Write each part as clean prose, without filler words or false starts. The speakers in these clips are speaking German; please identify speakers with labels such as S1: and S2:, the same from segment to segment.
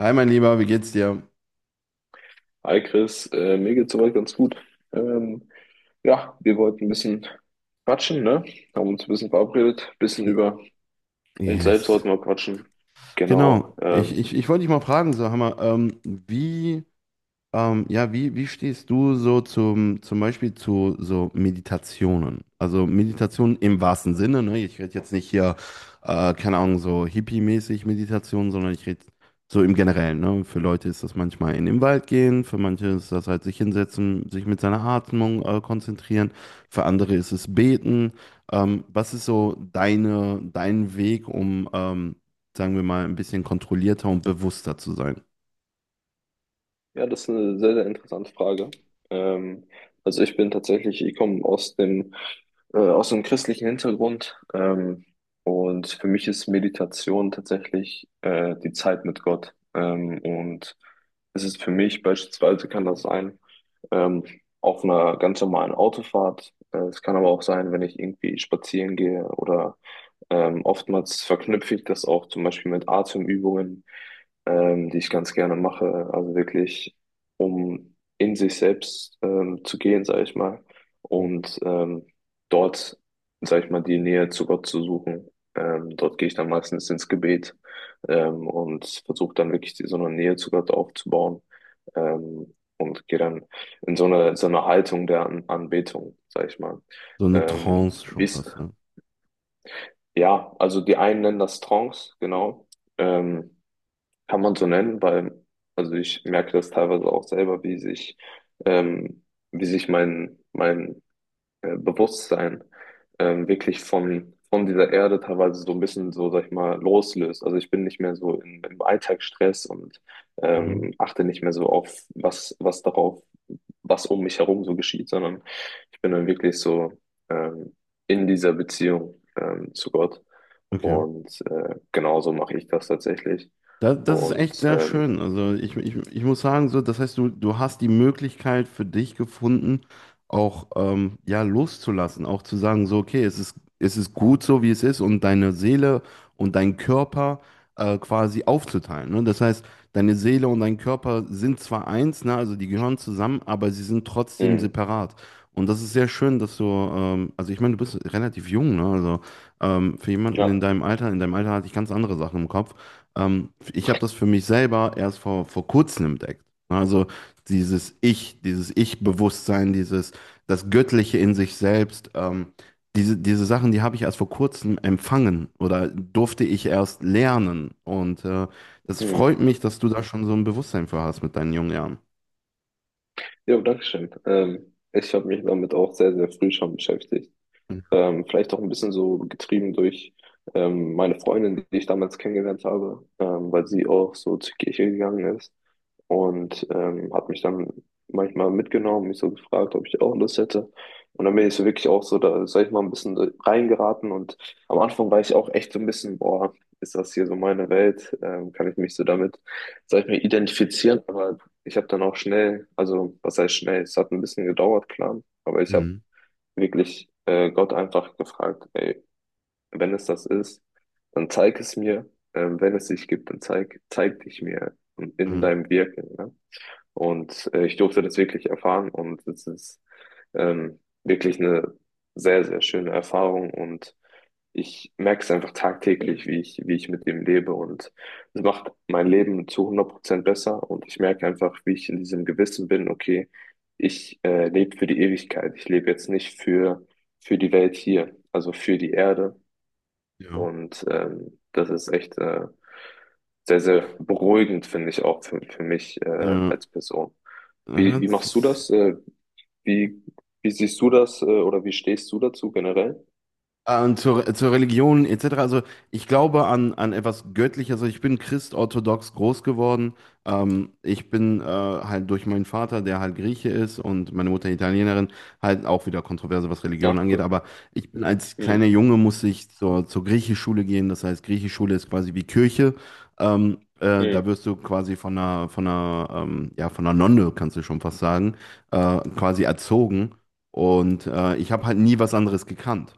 S1: Hi, mein Lieber, wie geht's dir?
S2: Hi Chris, mir geht's soweit ganz gut. Ähm, ja, wir wollten ein bisschen quatschen, ne? Haben uns ein bisschen verabredet, ein bisschen über uns selbst
S1: Yes.
S2: wollten wir quatschen. Genau.
S1: Genau. Ich, ich, ich wollte dich mal fragen, so Hammer, wie ja, wie stehst du so zum Beispiel zu so Meditationen? Also Meditationen im wahrsten Sinne, ne? Ich rede jetzt nicht hier, keine Ahnung, so hippie-mäßig Meditation, sondern ich rede so im Generellen, ne? Für Leute ist das manchmal in den Wald gehen, für manche ist das halt sich hinsetzen, sich mit seiner Atmung, konzentrieren, für andere ist es beten. Was ist so dein Weg, um, sagen wir mal, ein bisschen kontrollierter und bewusster zu sein?
S2: Ja, das ist eine sehr, sehr interessante Frage. Ähm, also ich bin tatsächlich, ich komme aus dem, aus einem christlichen Hintergrund. Und für mich ist Meditation tatsächlich die Zeit mit Gott. Und es ist für mich beispielsweise, kann das sein. ähm, auf einer ganz normalen Autofahrt. Es kann aber auch sein, wenn ich irgendwie spazieren gehe oder oftmals verknüpfe ich das auch zum Beispiel mit Atemübungen, die ich ganz gerne mache. Also wirklich, um in sich selbst zu gehen, sage ich mal, und dort, sage ich mal, die Nähe zu Gott zu suchen. Dort gehe ich dann meistens ins Gebet und versuche dann wirklich die, so eine Nähe zu Gott aufzubauen und gehe dann in so eine Haltung der An Anbetung, sag ich mal.
S1: So eine
S2: Ähm,
S1: Trance schon
S2: wie's,
S1: was.
S2: ja, also die einen nennen das Trance, genau. Ähm, Kann man so nennen, weil, also ich merke das teilweise auch selber, wie sich, ähm, mein Bewusstsein wirklich von dieser Erde teilweise so ein bisschen so, sag ich mal, loslöst. Also ich bin nicht mehr so im Alltagsstress und
S1: Mhm.
S2: achte nicht mehr so auf, was um mich herum so geschieht, sondern ich bin dann wirklich so ähm, in dieser Beziehung zu Gott.
S1: Okay.
S2: Und genauso mache ich das tatsächlich.
S1: Das, das ist echt
S2: Und
S1: sehr schön. Also ich muss sagen, so, das heißt, du hast die Möglichkeit für dich gefunden, auch ja, loszulassen, auch zu sagen, so, okay, es es ist gut so, wie es ist, und deine Seele und dein Körper quasi aufzuteilen. Ne? Das heißt, deine Seele und dein Körper sind zwar eins, ne, also die gehören zusammen, aber sie sind trotzdem
S2: mh,
S1: separat. Und das ist sehr schön, dass du, also ich meine, du bist relativ jung, ne? Also für jemanden
S2: ja,
S1: in deinem Alter hatte ich ganz andere Sachen im Kopf. Ich habe das für mich selber erst vor kurzem entdeckt. Also dieses Ich, dieses Ich-Bewusstsein, dieses das Göttliche in sich selbst, diese Sachen, die habe ich erst vor kurzem empfangen oder durfte ich erst lernen. Und das
S2: mh.
S1: freut mich, dass du da schon so ein Bewusstsein für hast mit deinen jungen Jahren.
S2: Jo, Dankeschön. Ich habe mich damit auch sehr, sehr früh schon beschäftigt. Vielleicht auch ein bisschen so getrieben durch meine Freundin, die ich damals kennengelernt habe, weil sie auch so zur Kirche gegangen ist. Und hat mich dann manchmal mitgenommen, mich so gefragt, ob ich auch Lust hätte. Und dann bin ich so wirklich auch so, da sag ich mal, ein bisschen reingeraten und am Anfang war ich auch echt so ein bisschen, boah, ist das hier so meine Welt? Kann ich mich so damit, sag ich mal, identifizieren? Aber ich habe dann auch schnell, also was heißt schnell? Es hat ein bisschen gedauert, klar, aber ich habe
S1: Mhm.
S2: wirklich Gott einfach gefragt, ey, wenn es das ist, dann zeig es mir. Wenn es dich gibt, dann zeig dich mir in
S1: Mhm.
S2: deinem Wirken. Ne? Und ich durfte das wirklich erfahren und es ist wirklich eine sehr, sehr schöne Erfahrung und ich merke es einfach tagtäglich, wie ich mit dem lebe und es macht mein Leben zu 100% besser und ich merke einfach, wie ich in diesem Gewissen bin, okay, ich lebe für die Ewigkeit, ich lebe jetzt nicht für, die Welt hier, also für die Erde
S1: Ja.
S2: und das ist echt sehr, sehr beruhigend, finde ich auch für mich
S1: Ja.
S2: als Person.
S1: Ja,
S2: Wie
S1: das
S2: machst du
S1: ist.
S2: das? Wie, wie siehst du das, oder wie stehst du dazu generell?
S1: Und zur Religion etc. Also ich glaube an etwas Göttliches. Also ich bin christorthodox groß geworden. Ich bin halt durch meinen Vater, der halt Grieche ist und meine Mutter Italienerin, halt auch wieder kontroverse, was
S2: Ja,
S1: Religion angeht.
S2: cool.
S1: Aber ich bin als
S2: Hm,
S1: kleiner Junge musste ich zur Griechischschule gehen. Das heißt, Griechischschule ist quasi wie Kirche. Da
S2: hm,
S1: wirst du quasi von von ja, von einer Nonne, kannst du schon fast sagen, quasi erzogen. Und ich habe halt nie was anderes gekannt.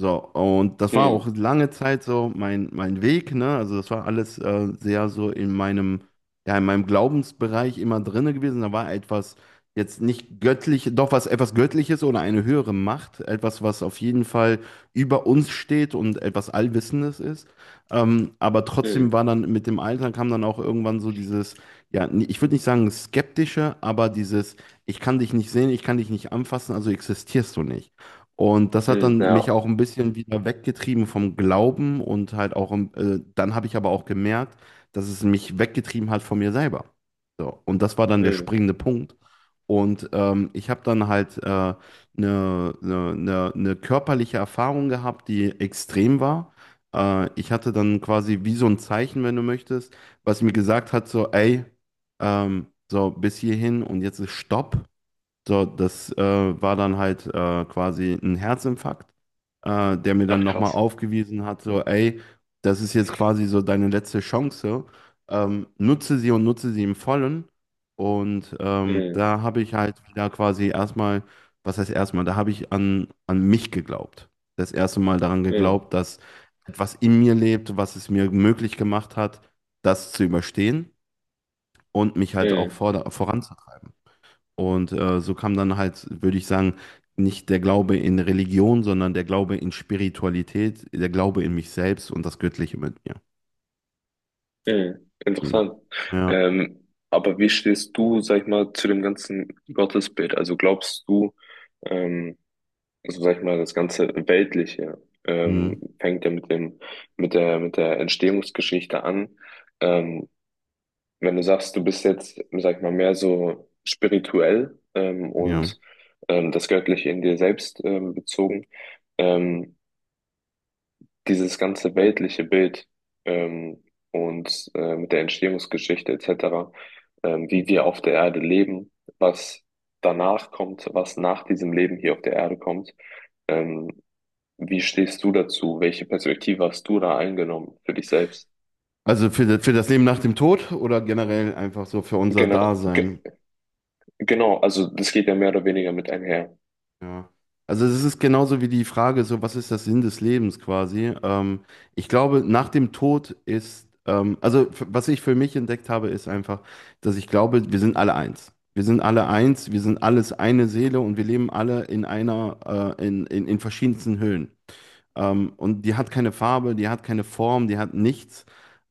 S1: So, und das war
S2: hm,
S1: auch lange Zeit so mein Weg, ne? Also das war alles sehr so in meinem, ja, in meinem Glaubensbereich immer drinne gewesen. Da war etwas jetzt nicht göttlich, doch was etwas Göttliches oder eine höhere Macht, etwas, was auf jeden Fall über uns steht und etwas Allwissendes ist. Aber trotzdem
S2: hm,
S1: war dann mit dem Alter kam dann auch irgendwann so dieses, ja, ich würde nicht sagen skeptische, aber dieses, ich kann dich nicht sehen, ich kann dich nicht anfassen, also existierst du nicht. Und das hat
S2: hm,
S1: dann mich
S2: ja.
S1: auch ein bisschen wieder weggetrieben vom Glauben und halt auch, dann habe ich aber auch gemerkt, dass es mich weggetrieben hat von mir selber. So, und das war dann der
S2: Hm.
S1: springende Punkt. Und ich habe dann halt eine körperliche Erfahrung gehabt, die extrem war. Ich hatte dann quasi wie so ein Zeichen, wenn du möchtest, was mir gesagt hat, so, ey, so bis hierhin und jetzt ist Stopp. So, das war dann halt quasi ein Herzinfarkt, der mir dann
S2: Ach,
S1: nochmal
S2: krass.
S1: aufgewiesen hat, so, ey, das ist jetzt quasi so deine letzte Chance, nutze sie und nutze sie im Vollen. Und
S2: Hm,
S1: da habe ich halt wieder quasi erstmal, was heißt erstmal, da habe ich an mich geglaubt. Das erste Mal daran
S2: hm,
S1: geglaubt, dass etwas in mir lebt, was es mir möglich gemacht hat, das zu überstehen und mich halt auch
S2: hm,
S1: voranzutreiben. Und so kam dann halt, würde ich sagen, nicht der Glaube in Religion, sondern der Glaube in Spiritualität, der Glaube in mich selbst und das Göttliche mit mir.
S2: hm.
S1: Ja.
S2: Interessant.
S1: Ja.
S2: Aber wie stehst du, sag ich mal, zu dem ganzen Gottesbild? Also glaubst du, ähm, also sag ich mal, das ganze Weltliche
S1: Mhm.
S2: fängt ja mit dem, mit der Entstehungsgeschichte an. Ähm, Wenn du sagst, du bist jetzt, sag ich mal, mehr so spirituell
S1: Ja.
S2: und das Göttliche in dir selbst bezogen, ähm, dieses ganze weltliche Bild ähm, mit der Entstehungsgeschichte etc., wie wir auf der Erde leben, was danach kommt, was nach diesem Leben hier auf der Erde kommt. Ähm, Wie stehst du dazu? Welche Perspektive hast du da eingenommen für dich selbst?
S1: Also für das Leben nach dem Tod oder generell einfach so für unser
S2: Gener ge
S1: Dasein.
S2: Genau, also das geht ja mehr oder weniger mit einher.
S1: Ja. Also es ist genauso wie die Frage, so was ist der Sinn des Lebens quasi? Ich glaube, nach dem Tod ist, also was ich für mich entdeckt habe, ist einfach, dass ich glaube, wir sind alle eins. Wir sind alle eins, wir sind alles eine Seele und wir leben alle in einer, in verschiedensten Höhen. Und die hat keine Farbe, die hat keine Form, die hat nichts.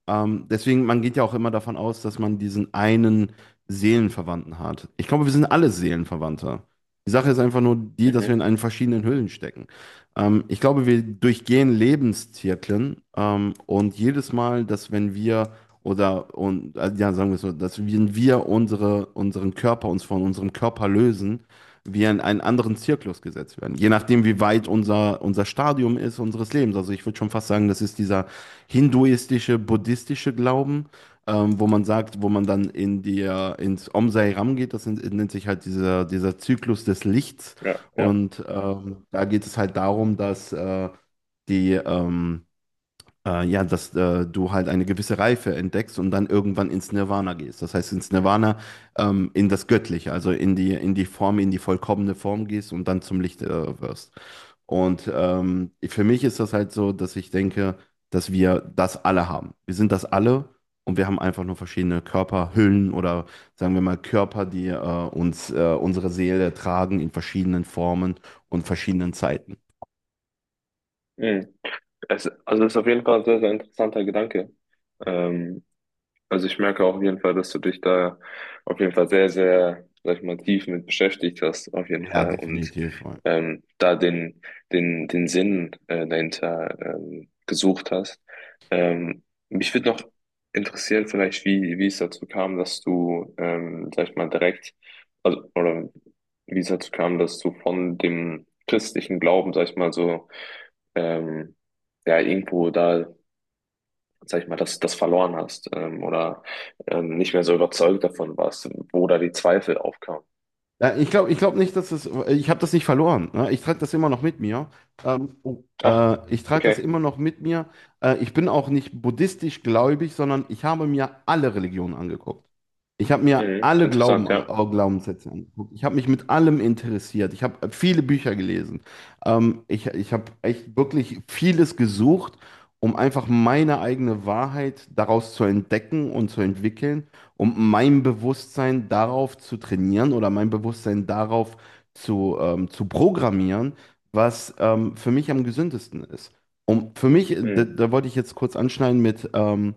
S1: Deswegen, man geht ja auch immer davon aus, dass man diesen einen Seelenverwandten hat. Ich glaube, wir sind alle Seelenverwandte. Die Sache ist einfach nur die, dass wir
S2: Mhm.
S1: in einen verschiedenen Hüllen stecken. Ich glaube, wir durchgehen Lebenszyklen und jedes Mal, dass wenn wir oder und ja, sagen wir es so, dass wenn wir unsere, unseren Körper uns von unserem Körper lösen, wir in einen anderen Zirklus gesetzt werden. Je nachdem, wie weit unser Stadium ist, unseres Lebens. Also ich würde schon fast sagen, das ist dieser hinduistische, buddhistische Glauben, wo man sagt, wo man dann in die, ins Om Sai Ram geht, das nennt sich halt dieser, dieser Zyklus des Lichts.
S2: Ja, ja.
S1: Und da geht es halt darum, dass die, ähm, ja, dass du halt eine gewisse Reife entdeckst und dann irgendwann ins Nirvana gehst. Das heißt, ins Nirvana, in das Göttliche, also in die Form, in die vollkommene Form gehst und dann zum Licht wirst. Und für mich ist das halt so, dass ich denke, dass wir das alle haben. Wir sind das alle und wir haben einfach nur verschiedene Körperhüllen oder sagen wir mal Körper, die unsere Seele tragen in verschiedenen Formen und verschiedenen Zeiten.
S2: Mhm. Also das ist auf jeden Fall ein sehr, sehr interessanter Gedanke. Ähm, Also ich merke auf jeden Fall, dass du dich da auf jeden Fall sehr, sehr, sag ich mal, tief mit beschäftigt hast, auf jeden
S1: Ja,
S2: Fall. Und
S1: definitiv.
S2: da den Sinn dahinter gesucht hast. Ähm, Mich würde noch interessieren, vielleicht, wie es dazu kam, dass du, sag ich mal, direkt, also, oder wie es dazu kam, dass du von dem christlichen Glauben, sag ich mal, so, ähm, ja, irgendwo da sag ich mal, das verloren hast oder nicht mehr so überzeugt davon warst, wo da die Zweifel aufkamen.
S1: Ja, ich glaube nicht, dass es. Ich habe das nicht verloren. Ne? Ich trage das immer noch mit mir. Oh,
S2: Ach,
S1: ich trage das
S2: okay.
S1: immer noch mit mir. Ich bin auch nicht buddhistisch gläubig, sondern ich habe mir alle Religionen angeguckt. Ich habe mir
S2: Mhm.
S1: alle Glauben,
S2: Interessant, ja.
S1: Glaubenssätze angeguckt. Ich habe mich mit allem interessiert. Ich habe viele Bücher gelesen. Ich habe echt wirklich vieles gesucht, um einfach meine eigene Wahrheit daraus zu entdecken und zu entwickeln um mein Bewusstsein darauf zu trainieren oder mein Bewusstsein darauf zu programmieren, was für mich am gesündesten ist. Und für mich,
S2: Mhm.
S1: da wollte ich jetzt kurz anschneiden mit, ähm,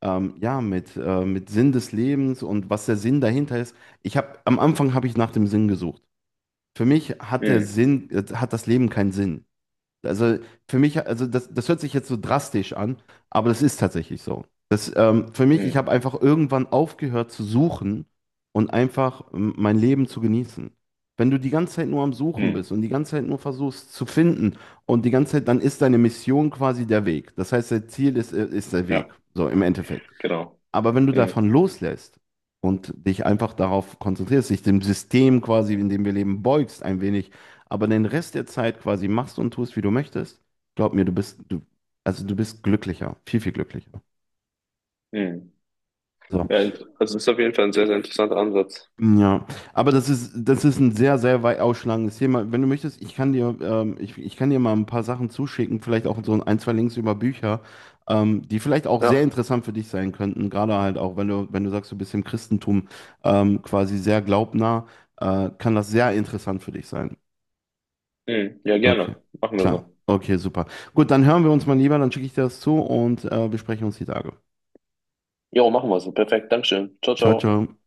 S1: ähm, ja, mit Sinn des Lebens und was der Sinn dahinter ist. Ich habe, am Anfang habe ich nach dem Sinn gesucht. Für mich hat der
S2: Mhm.
S1: Sinn, hat das Leben keinen Sinn. Also für mich, also das hört sich jetzt so drastisch an, aber das ist tatsächlich so. Das, für mich, ich
S2: Mhm.
S1: habe einfach irgendwann aufgehört zu suchen und einfach mein Leben zu genießen. Wenn du die ganze Zeit nur am Suchen bist
S2: Mhm.
S1: und die ganze Zeit nur versuchst zu finden und die ganze Zeit, dann ist deine Mission quasi der Weg. Das heißt, dein Ziel ist, ist der Weg,
S2: Ja,
S1: so im Endeffekt.
S2: genau.
S1: Aber wenn du
S2: Mhm.
S1: davon loslässt und dich einfach darauf konzentrierst, dich dem System quasi, in dem wir leben, beugst ein wenig, aber den Rest der Zeit quasi machst und tust, wie du möchtest, glaub mir, also du bist glücklicher, viel, viel glücklicher.
S2: Mhm.
S1: So.
S2: Ja, also ist auf jeden Fall ein sehr, sehr interessanter Ansatz.
S1: Ja, aber das ist ein sehr, sehr weit ausschlagendes Thema. Wenn du möchtest, ich kann dir, ich kann dir mal ein paar Sachen zuschicken, vielleicht auch so ein, zwei Links über Bücher, die vielleicht auch sehr
S2: Ja.
S1: interessant für dich sein könnten, gerade halt auch, wenn wenn du sagst, du bist im Christentum quasi sehr glaubnah, kann das sehr interessant für dich sein.
S2: Mhm. Ja,
S1: Okay,
S2: gerne. Machen wir
S1: klar.
S2: so.
S1: Okay, super. Gut, dann hören wir uns mal lieber, dann schicke ich dir das zu und besprechen uns die Tage.
S2: Jo, machen wir so. Perfekt. Dankeschön. Ciao,
S1: Ciao,
S2: ciao.
S1: ciao.